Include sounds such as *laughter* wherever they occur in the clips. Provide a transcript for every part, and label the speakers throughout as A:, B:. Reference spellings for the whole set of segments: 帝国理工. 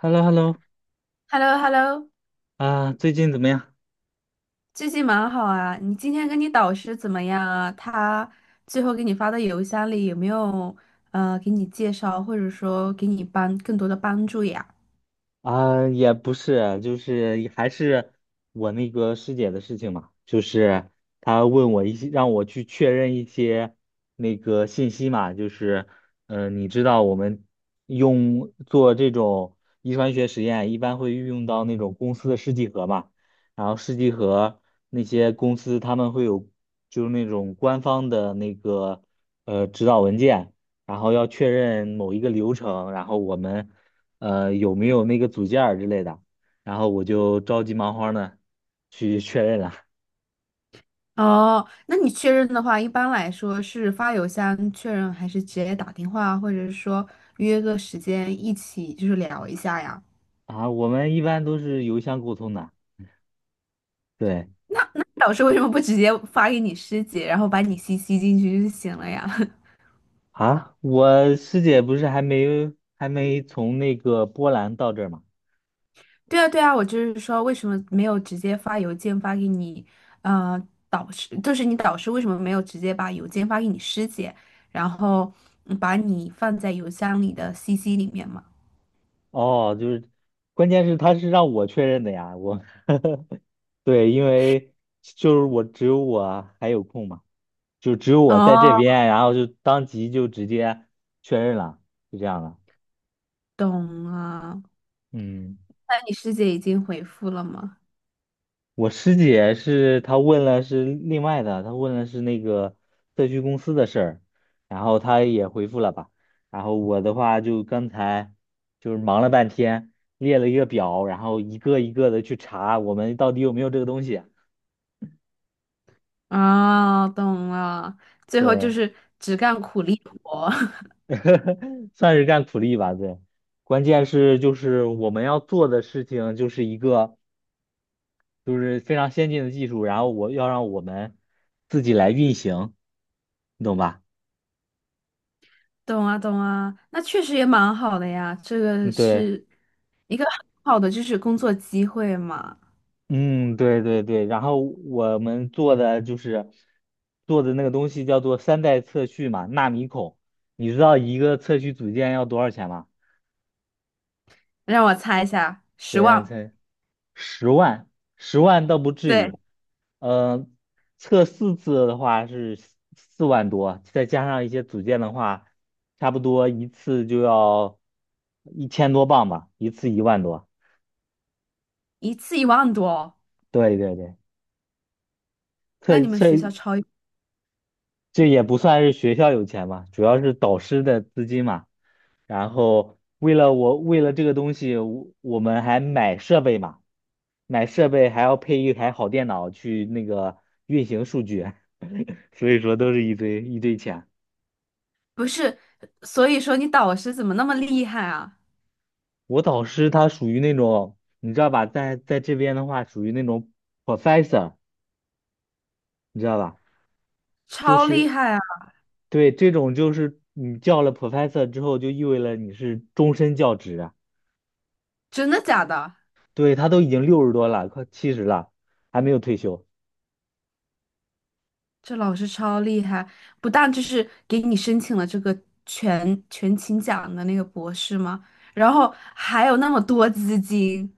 A: h e l l o h e l l o
B: h e l l o h e l l o
A: 啊，最近怎么样？
B: 最近蛮好啊。你今天跟你导师怎么样啊？他最后给你发的邮箱里有没有给你介绍，或者说给你帮更多的帮助呀？
A: 啊，也不是，就是还是我那个师姐的事情嘛，就是她问我一些，让我去确认一些那个信息嘛，就是，你知道我们用做这种遗传学实验，一般会运用到那种公司的试剂盒嘛，然后试剂盒那些公司他们会有就是那种官方的那个指导文件。然后要确认某一个流程，然后我们有没有那个组件儿之类的，然后我就着急忙慌的去确认了
B: 哦，那你确认的话，一般来说是发邮箱确认，还是直接打电话，或者是说约个时间一起就是聊一下呀？
A: 啊。我们一般都是邮箱沟通的，对
B: 那导师为什么不直接发给你师姐，然后把你 CC 进去就行了呀？
A: 啊，我师姐不是还没从那个波兰到这儿吗？
B: 对啊，对啊，我就是说，为什么没有直接发邮件发给你，呃，导师，就是你导师为什么没有直接把邮件发给你师姐，然后嗯把你放在邮箱里的 CC 里面嘛？
A: 哦，就是，关键是他是让我确认的呀，我 *laughs* 对，因为就是我只有我还有空嘛，就只有我在这
B: 哦，
A: 边，然后就当即就直接确认了，就这样了，
B: 懂了。
A: 嗯。
B: 那你师姐已经回复了吗？
A: 我师姐是她问了是另外的，她问了是那个社区公司的事儿，然后她也回复了吧。然后我的话就刚才就是忙了半天，列了一个表，然后一个一个的去查我们到底有没有这个东西。
B: 啊、懂了。最后就
A: 对，
B: 是只干苦力活，*laughs*
A: *laughs* 算是干苦力吧。对，关键是就是我们要做的事情就是一个就是非常先进的技术，然后我要让我们自己来运行，你懂吧？
B: 懂啊，懂啊。那确实也蛮好的呀，这个
A: 嗯，对。
B: 是一个很好的就是工作机会嘛。
A: 嗯，对对对，然后我们做的就是做的那个东西叫做三代测序嘛，纳米孔。你知道一个测序组件要多少钱吗？
B: 让我猜一下，十
A: 对，让你
B: 万。
A: 猜，十万，十万倒不至
B: 对，
A: 于。嗯，测4次的话是四万多，再加上一些组件的话，差不多一次就要1000多磅吧，一次一万多。
B: 一次1万多哦。
A: 对对对，
B: 那
A: 测
B: 你们
A: 测
B: 学校超，
A: 这也不算是学校有钱嘛，主要是导师的资金嘛。然后为了我，为了这个东西，我们还买设备嘛，买设备还要配一台好电脑去那个运行数据，*laughs* 所以说都是一堆一堆钱。
B: 不是，所以说你导师怎么那么厉害啊？
A: 我导师他属于那种，你知道吧，在这边的话属于那种 professor，你知道吧？就
B: 超厉
A: 是
B: 害啊！
A: 对这种就是你叫了 professor 之后，就意味着你是终身教职。
B: 真的假的？
A: 对，他都已经60多了，快70了，还没有退休。
B: 这老师超厉害，不但就是给你申请了这个全勤奖的那个博士吗？然后还有那么多资金。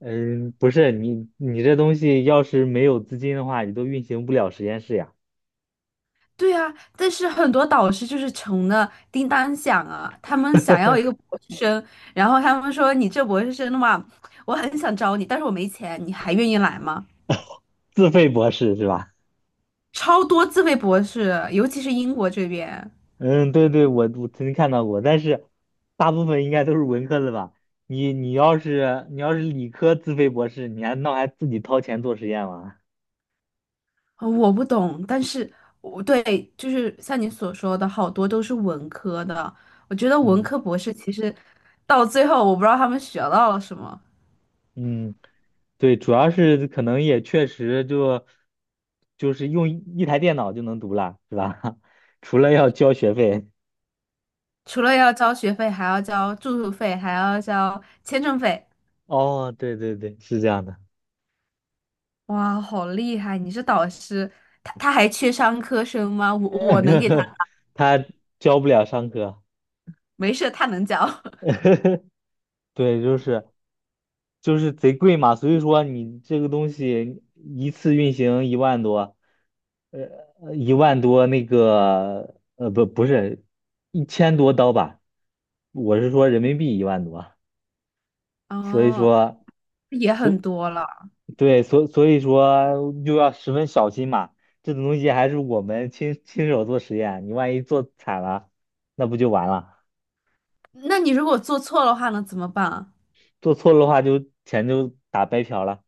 A: 嗯，不是你这东西要是没有资金的话，你都运行不了实验室呀。
B: 对啊，但是很多导师就是穷的叮当响啊，他们想要一个博士生，然后他们说你这博士生的话，我很想招你，但是我没钱，你还愿意来吗？
A: 自费博士是吧？
B: 超多自费博士，尤其是英国这边，
A: *laughs* 嗯，对对，我曾经看到过，但是大部分应该都是文科的吧？你要是理科自费博士，你还自己掏钱做实验吗？
B: 我不懂，但是我对，就是像你所说的，好多都是文科的。我觉得文
A: 嗯
B: 科博士其实到最后，我不知道他们学到了什么，
A: 嗯，对，主要是可能也确实就是用一台电脑就能读了，是吧？*laughs* 除了要交学费。
B: 除了要交学费，还要交住宿费，还要交签证费。
A: 哦，对对对，是这样的，
B: 哇，好厉害！你是导师，他还缺商科生吗？我能给他，
A: *laughs* 他教不了上课，
B: 没事，他能教。
A: *laughs* 对，就是贼贵嘛，所以说你这个东西一次运行一万多，一万多不是1000多刀吧，我是说人民币一万多，
B: *laughs*
A: 所以
B: 哦，
A: 说，
B: 也
A: 所
B: 很多了。
A: 对，所以说又要十分小心嘛，这种东西还是我们亲手做实验，你万一做惨了，那不就完了？
B: 那你如果做错的话呢，怎么办？
A: 做错了的话就钱就打白嫖了。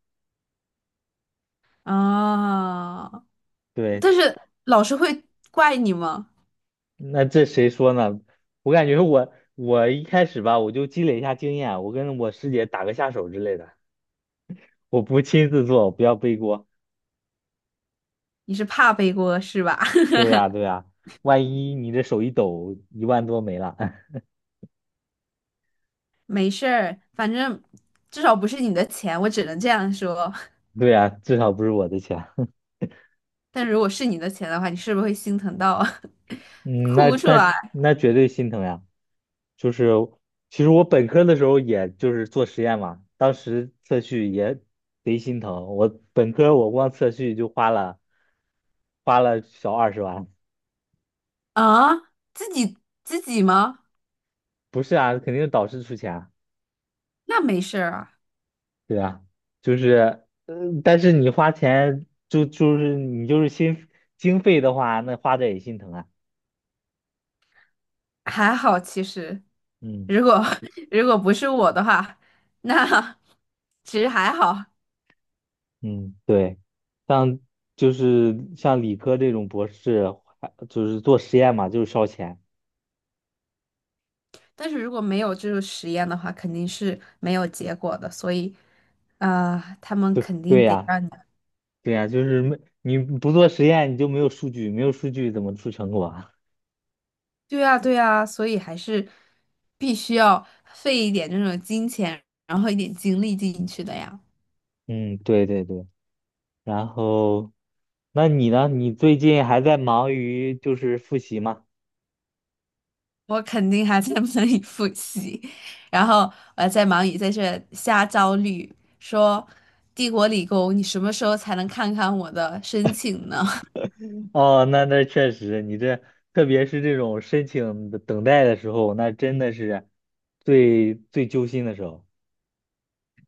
B: 啊，
A: 对，
B: 但是老师会怪你吗？
A: 那这谁说呢？我感觉我一开始吧，我就积累一下经验，我跟我师姐打个下手之类的，我不亲自做，不要背锅。
B: 你是怕背锅是吧？
A: 对
B: *laughs*
A: 呀，对呀，万一你这手一抖，一万多没了，
B: 没事儿，反正至少不是你的钱，我只能这样说。
A: *laughs* 对呀，至少不是我的钱。
B: 但如果是你的钱的话，你是不是会心疼到 *laughs*
A: 嗯，那
B: 哭出
A: 那
B: 来
A: 那绝对心疼呀。就是其实我本科的时候，也就是做实验嘛，当时测序也贼心疼。我本科我光测序就花了小20万，
B: 啊？自己自己吗？
A: 不是啊，肯定是导师出钱啊，
B: 那没事儿啊，
A: 对啊，就是，但是你花钱就是你就是心经费的话，那花的也心疼啊，
B: 还好其实。
A: 嗯。
B: 如果 *laughs* 如果不是我的话，那 *laughs* 其实还好。
A: 嗯，对，像就是像理科这种博士，还就是做实验嘛，就是烧钱。
B: 但是如果没有这个实验的话，肯定是没有结果的，所以，啊、他们
A: 对
B: 肯
A: 对
B: 定得
A: 呀，
B: 让你，
A: 对呀，就是没你不做实验，你就没有数据，没有数据怎么出成果啊？
B: 对呀，对呀。所以还是必须要费一点这种金钱，然后一点精力进去的呀。
A: *laughs* 嗯，对对对。然后，那你呢？你最近还在忙于就是复习吗？
B: 我肯定还在 *laughs* 忙里复习，然后我还在忙于在这瞎焦虑，说《帝国理工》，你什么时候才能看看我的申请呢？
A: 哦，那确实，你这特别是这种申请的等待的时候，那真的是最最揪心的时候。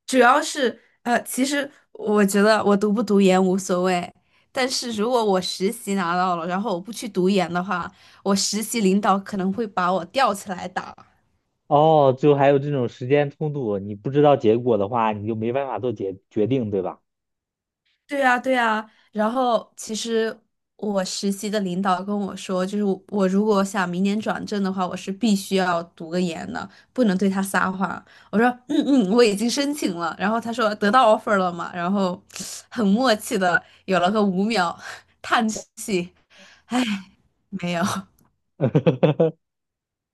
B: 主要是其实我觉得我读不读研无所谓，但是如果我实习拿到了，然后我不去读研的话，我实习领导可能会把我吊起来打。
A: 哦，就还有这种时间冲突，你不知道结果的话，你就没办法做决定，对吧？
B: 对呀，对呀。然后其实我实习的领导跟我说，就是我如果想明年转正的话，我是必须要读个研的，不能对他撒谎。我说嗯嗯，我已经申请了。然后他说得到 offer 了嘛，然后很默契的有了个5秒 *laughs* 叹气。没有，
A: *laughs*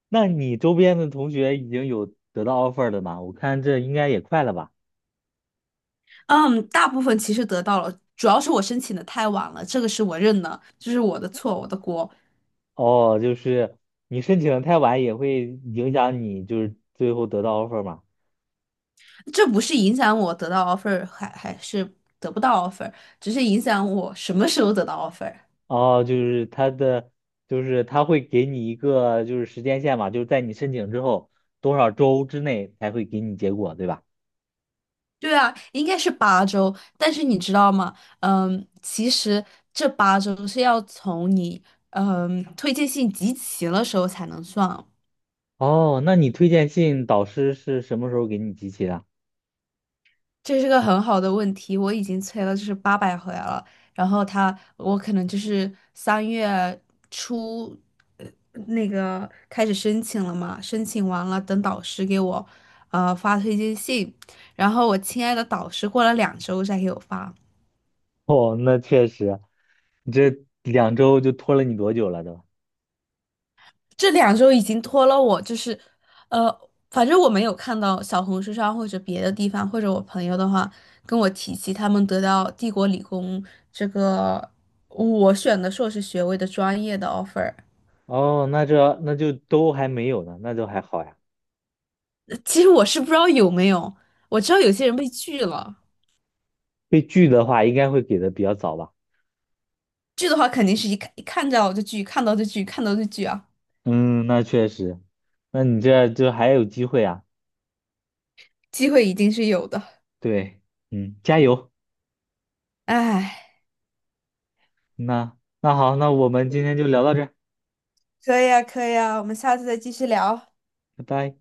A: 那你周边的同学已经有得到 offer 的吗？我看这应该也快了吧？
B: 嗯，大部分其实得到了，主要是我申请的太晚了，这个是我认的，这是我的错，我的锅，
A: 哦，就是你申请的太晚也会影响你，就是最后得到 offer 嘛？
B: 这不是影响我得到 offer 还是得不到 offer，只是影响我什么时候得到 offer。
A: 哦，就是他的，就是他会给你一个就是时间线嘛，就是在你申请之后多少周之内才会给你结果，对吧？
B: 对啊，应该是八周，但是你知道吗？嗯，其实这八周是要从你嗯推荐信集齐了时候才能算，
A: 哦，那你推荐信导师是什么时候给你集齐的？
B: 这是个很好的问题，我已经催了就是800回来了，然后他我可能就是3月初，呃，那个开始申请了嘛，申请完了等导师给我，发推荐信，然后我亲爱的导师过了两周再给我发，
A: *laughs* 哦，那确实，你这2周就拖了你多久了都？
B: 这两周已经拖了我，就是，反正我没有看到小红书上或者别的地方，或者我朋友的话跟我提起他们得到帝国理工这个我选的硕士学位的专业的 offer，
A: 哦，那就都还没有呢，那就还好呀。
B: 其实我是不知道有没有，我知道有些人被拒了，
A: 被拒的话，应该会给的比较早吧？
B: 拒的话肯定是一看到就拒，看到就拒，看到就拒啊，
A: 嗯，那确实，那你这就还有机会啊。
B: 机会一定是有的，
A: 对，嗯，加油。
B: 唉，
A: 那好，那我们今天就聊到这儿，
B: 可以啊，可以啊，我们下次再继续聊。
A: 拜拜。